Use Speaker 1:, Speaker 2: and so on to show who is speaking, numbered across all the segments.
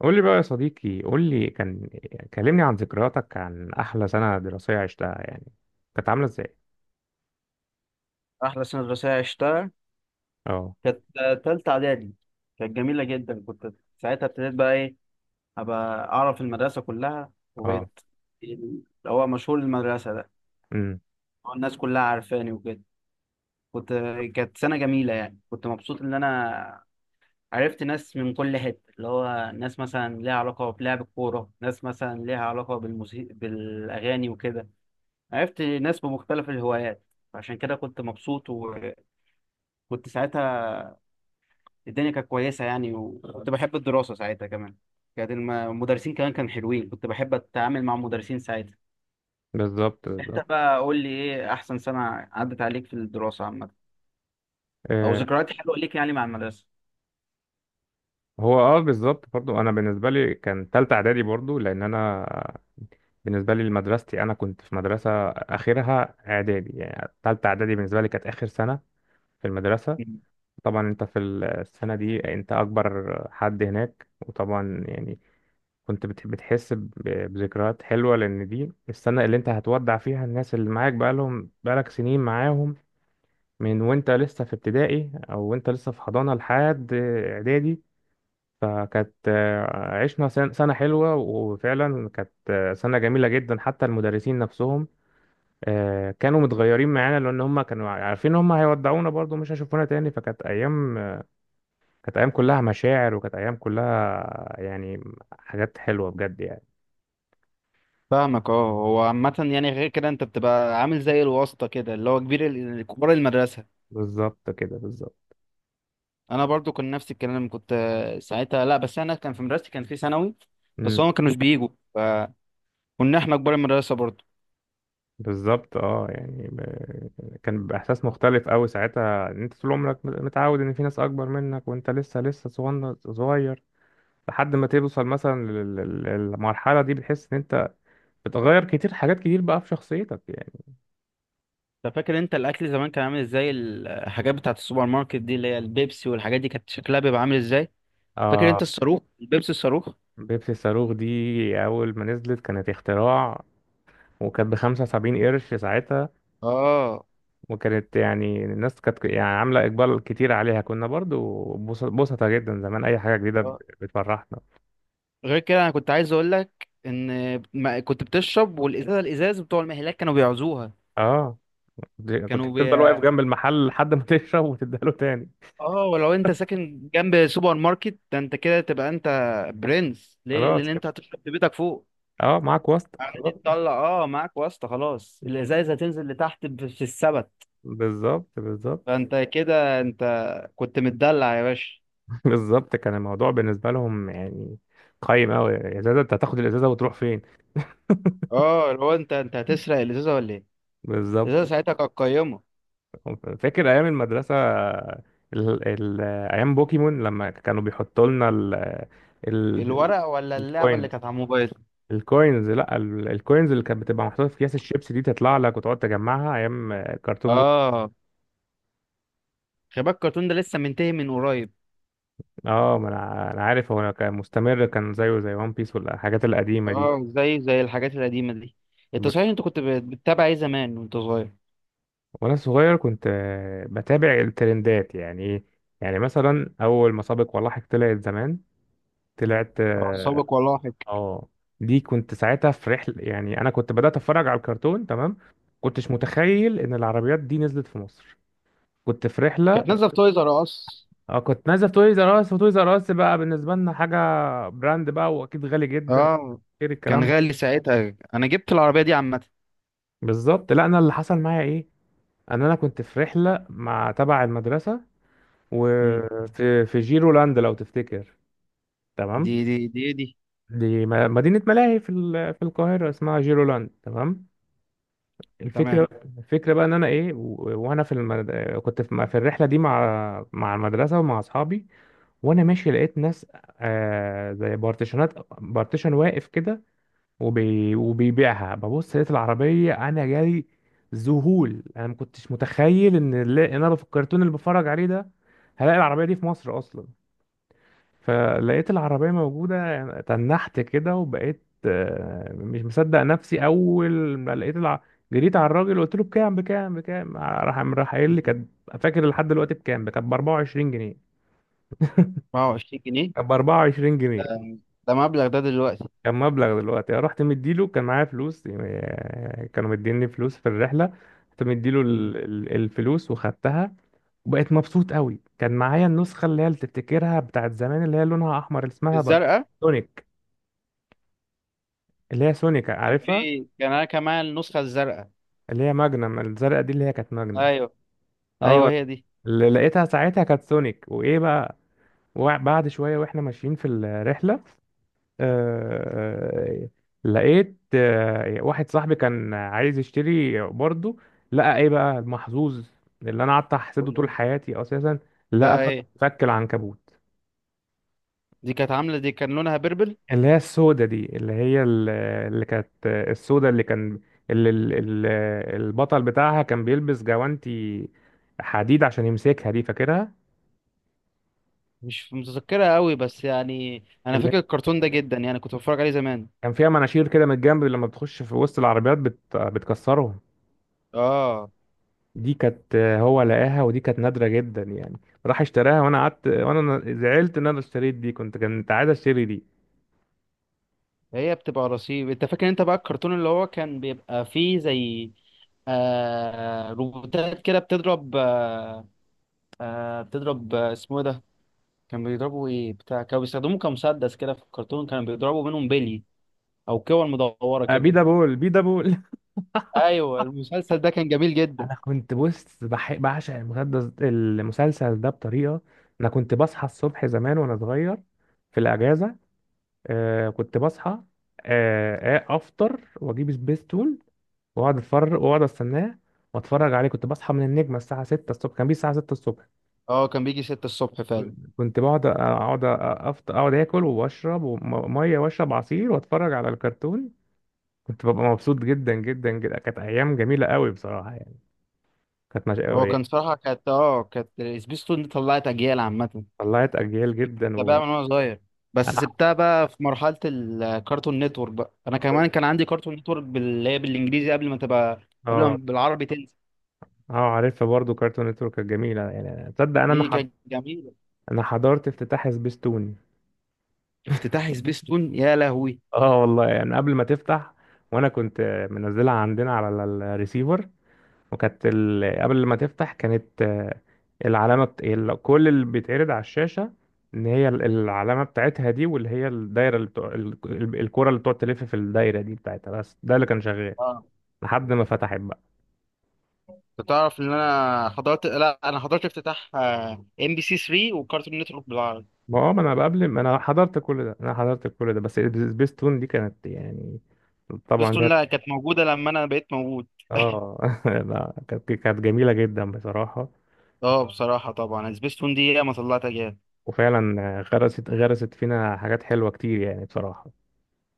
Speaker 1: قول لي بقى يا صديقي، قول لي كان كلمني عن ذكرياتك عن احلى سنة دراسية عشتها يعني، كانت عاملة ازاي؟
Speaker 2: أحلى سنة دراسية عشتها
Speaker 1: اه.
Speaker 2: كانت تالتة إعدادي. كانت جميلة جدا، كنت ساعتها ابتديت بقى إيه، أبقى أعرف المدرسة كلها
Speaker 1: اه.
Speaker 2: وبقيت اللي هو مشهور المدرسة ده.
Speaker 1: امم.
Speaker 2: الناس كلها عارفاني وكده. كنت كانت سنة جميلة يعني، كنت مبسوط إن أنا عرفت ناس من كل حتة، اللي هو ناس مثلا ليها علاقة بلعب الكورة، ناس مثلا ليها علاقة بالموسيقى بالأغاني وكده. عرفت ناس بمختلف الهوايات. عشان كده كنت مبسوط، وكنت ساعتها الدنيا كانت كويسة يعني، وكنت بحب الدراسة ساعتها كمان. كانت المدرسين كمان كانوا حلوين، كنت بحب أتعامل مع المدرسين ساعتها.
Speaker 1: بالظبط،
Speaker 2: أنت
Speaker 1: بالظبط.
Speaker 2: بقى قول لي إيه أحسن سنة عدت عليك في الدراسة عامة، أو
Speaker 1: آه.
Speaker 2: ذكريات حلوة ليك يعني مع المدرسة.
Speaker 1: هو بالظبط، برضو انا بالنسبة لي كان تالتة اعدادي، برضو لان انا بالنسبة لي لمدرستي انا كنت في مدرسة اخرها اعدادي، يعني تالتة اعدادي بالنسبة لي كانت اخر سنة في المدرسة.
Speaker 2: مم.
Speaker 1: طبعا انت في السنة دي انت اكبر حد هناك، وطبعا يعني كنت بتحس بذكريات حلوة، لأن دي السنة اللي أنت هتودع فيها الناس اللي معاك بقالهم بقالك سنين معاهم، من وأنت لسه في ابتدائي أو وأنت لسه في حضانة لحد إعدادي. فكانت عشنا سنة حلوة، وفعلا كانت سنة جميلة جدا، حتى المدرسين نفسهم كانوا متغيرين معانا، لأن هم كانوا عارفين هم هيودعونا برضو مش هيشوفونا تاني. فكانت أيام كانت أيام كلها مشاعر، وكانت أيام كلها يعني حاجات حلوة بجد يعني.
Speaker 2: فاهمك. اه، هو عامة يعني غير كده انت بتبقى عامل زي الواسطة كده، اللي هو كبار المدرسة.
Speaker 1: بالظبط كده، بالظبط.
Speaker 2: انا برضو كان نفس الكلام، كنت ساعتها، لا بس انا كان في مدرستي كان في ثانوي، بس
Speaker 1: مم.
Speaker 2: هم ما كانوش بيجوا، فكنا احنا كبار المدرسة برضو.
Speaker 1: بالظبط يعني كان بيبقى احساس مختلف قوي ساعتها، ان انت طول عمرك متعود ان في ناس اكبر منك وانت لسه صغير، لحد ما توصل مثلا للمرحله دي، بتحس ان انت بتغير كتير، حاجات كتير بقى في شخصيتك يعني.
Speaker 2: انت فاكر انت الاكل زمان كان عامل ازاي؟ الحاجات بتاعت السوبر ماركت دي اللي هي البيبسي والحاجات دي كانت شكلها بيبقى عامل ازاي؟ فاكر
Speaker 1: اه.
Speaker 2: انت الصاروخ البيبسي الصاروخ؟
Speaker 1: بيبسي الصاروخ دي اول ما نزلت كانت اختراع، وكانت بـ75 قرش ساعتها.
Speaker 2: اه.
Speaker 1: وكانت يعني الناس كانت يعني عاملة إقبال كتير عليها، كنا برضو بوسطة جدا زمان أي حاجة جديدة
Speaker 2: آه.
Speaker 1: بتفرحنا.
Speaker 2: غير كده انا كنت عايز اقول لك ان ما كنت بتشرب، والازازه الازاز بتوع المهلاك كانوا بيعوزوها.
Speaker 1: اه، كنت
Speaker 2: كانوا
Speaker 1: بتفضل
Speaker 2: بي...
Speaker 1: واقف جنب المحل لحد ما تشرب وتديها له تاني.
Speaker 2: اه، ولو انت ساكن جنب سوبر ماركت ده انت كده تبقى انت برنس، ليه؟
Speaker 1: خلاص
Speaker 2: لان
Speaker 1: كده.
Speaker 2: انت هتشرب في بيتك فوق
Speaker 1: اه، معاك واسطة
Speaker 2: عادي
Speaker 1: خلاص.
Speaker 2: تطلع. اه، معاك واسطه خلاص، الازايز هتنزل لتحت في السبت.
Speaker 1: بالظبط، بالظبط.
Speaker 2: فانت كده انت كنت متدلع يا باشا.
Speaker 1: بالظبط، كان الموضوع بالنسبة لهم يعني قايم أوي، إزازة أنت هتاخد الإزازة وتروح فين؟
Speaker 2: اه، لو انت هتسرق الازازه ولا ايه؟
Speaker 1: بالظبط.
Speaker 2: الازازه ساعتها كانت قيمه.
Speaker 1: فاكر أيام المدرسة، ال... ال... أيام بوكيمون لما كانوا بيحطوا لنا ال...
Speaker 2: الورق ولا اللعبه اللي
Speaker 1: الكوينز.
Speaker 2: كانت على الموبايل؟
Speaker 1: لا، الكوينز اللي كانت بتبقى محطوطة في أكياس الشيبس دي، تطلع لك وتقعد تجمعها. أيام كرتون.
Speaker 2: اه. خلي بالك الكرتون ده لسه منتهي من قريب.
Speaker 1: اه، ما انا انا عارف، هو أنا كان مستمر، كان زيه زي وان بيس والحاجات القديمه دي.
Speaker 2: اه، زي الحاجات القديمه دي. انت
Speaker 1: ب-
Speaker 2: صحيح انت كنت بتتابع ايه زمان وانت صغير؟
Speaker 1: وانا صغير كنت بتابع الترندات يعني ايه، يعني مثلا اول ما سابق ولاحق طلعت زمان، طلعت. اه.
Speaker 2: سابق ولاحق؟
Speaker 1: آه. دي كنت ساعتها في رحله يعني، انا كنت بدات اتفرج على الكرتون تمام. كنتش متخيل ان العربيات دي نزلت في مصر. كنت في رحله.
Speaker 2: كانت نازله في تويز ار اس.
Speaker 1: اه، كنت نازل في تويز ار اس، وتويز ار اس بقى بالنسبه لنا حاجه، براند بقى واكيد غالي جدا.
Speaker 2: اه،
Speaker 1: غير
Speaker 2: كان
Speaker 1: الكلام ده.
Speaker 2: غالي ساعتها، انا جبت العربيه دي عامه.
Speaker 1: بالظبط. لا، انا اللي حصل معايا ايه، ان انا كنت في رحله مع تبع المدرسه،
Speaker 2: مم.
Speaker 1: وفي جيرولاند لو تفتكر.
Speaker 2: دي
Speaker 1: تمام.
Speaker 2: دي دي دي
Speaker 1: دي مدينه ملاهي في القاهره اسمها جيرولاند، تمام.
Speaker 2: تمام.
Speaker 1: الفكره، بقى ان انا ايه، وانا في كنت في الرحله دي مع المدرسه ومع اصحابي. وانا ماشي لقيت ناس زي بارتيشنات، بارتيشن واقف كده، وبيبيعها. ببص لقيت العربية، أنا جالي ذهول، أنا ما كنتش متخيل إن إن أنا في الكرتون اللي بتفرج عليه ده هلاقي العربية دي في مصر أصلا. فلقيت العربية موجودة يعني تنحت كده، وبقيت مش مصدق نفسي. أول ما لقيت جريت على الراجل، قلت له بكام بكام بكام، راح قايل لي كانت، فاكر لحد دلوقتي بكام، كانت ب 24 جنيه.
Speaker 2: 24 جنيه؟
Speaker 1: كانت ب 24
Speaker 2: ده
Speaker 1: جنيه
Speaker 2: ده مبلغ ده دلوقتي.
Speaker 1: كان مبلغ دلوقتي. رحت مديله، كان معايا فلوس، يعني كانوا مديني فلوس في الرحلة. رحت مديله
Speaker 2: مم.
Speaker 1: الفلوس وخدتها، وبقيت مبسوط قوي. كان معايا النسخة اللي هي اللي تفتكرها بتاعت زمان، اللي هي لونها أحمر، اللي اسمها بقى
Speaker 2: الزرقاء.
Speaker 1: سونيك. اللي هي سونيك،
Speaker 2: كان في
Speaker 1: عارفها.
Speaker 2: كان انا كمان النسخه الزرقاء.
Speaker 1: اللي هي ماجنم، الزرقاء دي اللي هي كانت ماجنم.
Speaker 2: ايوه، ايوه
Speaker 1: اه.
Speaker 2: هي دي.
Speaker 1: اللي لقيتها ساعتها كانت سونيك. وإيه بقى، وبعد شوية وإحنا ماشيين في الرحلة آه، آه، لقيت واحد صاحبي كان عايز يشتري برضه، لقى ايه بقى المحظوظ اللي انا قعدت احسده
Speaker 2: قول.
Speaker 1: طول حياتي اساسا؟ لقى
Speaker 2: لا، ايه؟
Speaker 1: فك العنكبوت.
Speaker 2: دي كانت عامله، دي كان لونها بيربل.
Speaker 1: اللي هي السودة دي، اللي هي اللي كانت السودة، اللي كان اللي ال- ال- البطل بتاعها كان بيلبس جوانتي حديد عشان يمسكها دي، فاكرها؟
Speaker 2: مش متذكرها قوي بس يعني انا
Speaker 1: اللي
Speaker 2: فاكر الكرتون ده جدا يعني، كنت بتفرج عليه زمان.
Speaker 1: كان فيها مناشير كده من الجنب، لما بتخش في وسط العربيات بتكسرهم.
Speaker 2: اه،
Speaker 1: دي كانت هو لقاها، ودي كانت نادرة جدا يعني. راح اشتراها، وانا قعدت وانا زعلت ان انا اشتريت دي، كنت عايز اشتري دي.
Speaker 2: هي بتبقى رصيف. انت فاكر انت بقى الكرتون اللي هو كان بيبقى فيه زي روبوتات كده بتضرب، بتضرب، اسمه إيه ده؟ كان بيضربوا ايه بتاع كانوا بيستخدموه كمسدس كده في الكرتون، كانوا بيضربوا منهم بلي او كور مدوره
Speaker 1: آه،
Speaker 2: كده.
Speaker 1: بيدا بول، بيدا بول
Speaker 2: ايوه، المسلسل ده كان جميل جدا.
Speaker 1: انا كنت بص بعشق المسلسل ده بطريقة. انا كنت بصحى الصبح زمان وانا صغير في الاجازة. آه كنت بصحى، افطر واجيب سبيستول، واقعد اتفرج واقعد استناه واتفرج عليه. كنت بصحى من النجمة الساعة 6 الصبح، كان بيه الساعة 6 الصبح.
Speaker 2: اه، كان بيجي ستة الصبح فعلا.
Speaker 1: كنت بقعد، اقعد اكل واشرب ميه، واشرب عصير واتفرج على الكرتون. كنت ببقى مبسوط جدا جدا جدا، كانت ايام جميله قوي بصراحه يعني، كانت مش
Speaker 2: هو
Speaker 1: قوي.
Speaker 2: كان صراحة كانت كانت سبيستون دي طلعت اجيال عامة.
Speaker 1: طلعت اجيال جدا
Speaker 2: كنت بقى
Speaker 1: وانا.
Speaker 2: من وانا صغير، بس سبتها بقى في مرحلة الكارتون نتورك بقى. انا كمان كان عندي كارتون نتورك اللي هي بالانجليزي قبل ما تبقى، قبل ما
Speaker 1: اه.
Speaker 2: بالعربي تنزل.
Speaker 1: اه، عارفها برضو كارتون نتورك كانت جميله يعني، تصدق انا
Speaker 2: دي
Speaker 1: حض...
Speaker 2: كانت جميلة.
Speaker 1: انا حضرت افتتاح سبيستون.
Speaker 2: افتتاح سبيستون؟ يا لهوي!
Speaker 1: اه والله، يعني قبل ما تفتح وانا كنت منزلها عندنا على الريسيفر، وكانت قبل ما تفتح كانت العلامة كل اللي بيتعرض على الشاشة ان هي العلامة بتاعتها دي، واللي هي الدايرة، اللي الكرة اللي بتقعد تلف في الدايرة دي بتاعتها، بس ده اللي كان شغال
Speaker 2: اه،
Speaker 1: لحد ما فتحت بقى.
Speaker 2: انت تعرف ان انا حضرت، لا انا حضرت افتتاح ام بي سي 3 وكارتون نتورك بالعربي.
Speaker 1: ما هو، ما انا قبل ما انا حضرت كل ده، انا حضرت كل ده، بس سبيستون دي كانت يعني طبعا
Speaker 2: سبيستون
Speaker 1: ليها.
Speaker 2: لا، كانت موجودة لما انا بقيت موجود.
Speaker 1: اه. لا، كانت جميلة جدا بصراحة.
Speaker 2: اه بصراحة، طبعا سبيس تون دي ياما طلعتها جامد.
Speaker 1: وفعلا غرست فينا حاجات حلوة كتير يعني بصراحة.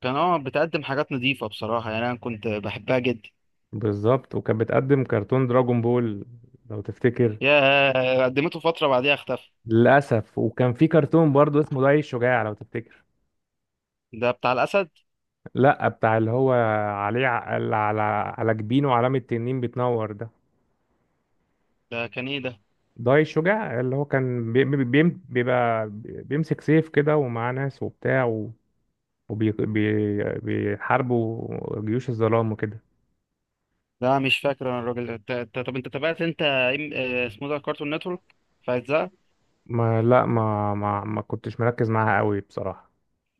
Speaker 2: كان اه بتقدم حاجات نظيفة بصراحة يعني، أنا كنت بحبها جدا.
Speaker 1: بالظبط، وكانت بتقدم كرتون دراجون بول لو تفتكر.
Speaker 2: يا قدمته فترة بعديها اختفى.
Speaker 1: للأسف. وكان في كرتون برضو اسمه داي الشجاع لو تفتكر.
Speaker 2: ده بتاع الأسد؟
Speaker 1: لا، بتاع اللي هو عليه اللي على على جبينه علامة تنين بتنور ده.
Speaker 2: ده كان إيه ده؟
Speaker 1: داي الشجاع اللي هو كان بيبقى بيمسك سيف كده ومعاه ناس وبتاع، وبيحاربوا جيوش الظلام وكده.
Speaker 2: لا مش فاكر أنا. الراجل طب أنت تابعت أنت اسمه ده كارتون نتورك في أجزاء؟ ما
Speaker 1: ما لا ما ما ما كنتش مركز معاها قوي بصراحة.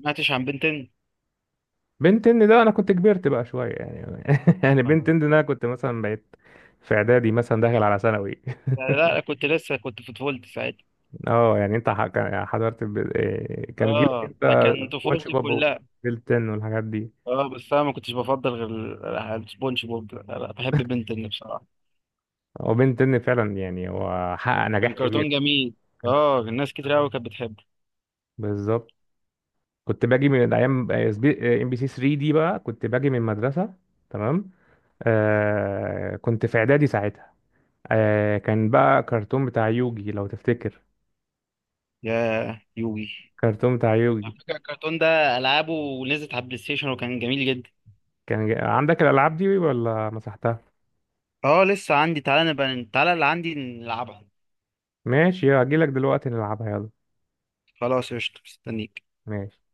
Speaker 2: سمعتش عن بنتين؟
Speaker 1: بنتين ده انا كنت كبرت بقى شويه يعني، يعني
Speaker 2: آه.
Speaker 1: بنتين ده انا كنت مثلا بقيت في اعدادي مثلا داخل على ثانوي.
Speaker 2: لا، كنت لسه كنت في طفولتي ساعتها.
Speaker 1: اه يعني انت يعني حضرت إيه، كان جيلك
Speaker 2: اه،
Speaker 1: انت
Speaker 2: ده كان
Speaker 1: سبونج
Speaker 2: طفولتي
Speaker 1: بوب
Speaker 2: كلها.
Speaker 1: وبنتين والحاجات دي.
Speaker 2: اه، بس أنا ما كنتش بفضل غير سبونج بوب. لا لا، بحب بنتين بصراحة.
Speaker 1: هو بنتين فعلا يعني، هو حقق نجاح
Speaker 2: كان
Speaker 1: كبير.
Speaker 2: كرتون جميل.
Speaker 1: كان،
Speaker 2: اه، الناس كتير
Speaker 1: كان-
Speaker 2: أوي كانت بتحبه.
Speaker 1: بالظبط. كنت باجي من ايام ام بي سي 3 دي، بقى كنت باجي من المدرسه تمام. آه كنت في اعدادي ساعتها. آه كان بقى كرتون بتاع يوجي لو تفتكر،
Speaker 2: يا يوجي!
Speaker 1: كرتون بتاع يوجي.
Speaker 2: على فكرة الكرتون ده ألعابه نزلت على البلاي ستيشن وكان جميل جدا.
Speaker 1: كان عندك الألعاب دي ولا مسحتها؟
Speaker 2: اه، لسه عندي، تعالى نبقى تعالى اللي عندي نلعبها.
Speaker 1: ماشي، هجيلك دلوقتي نلعبها يلا.
Speaker 2: خلاص قشطة، مستنيك.
Speaker 1: ماشي.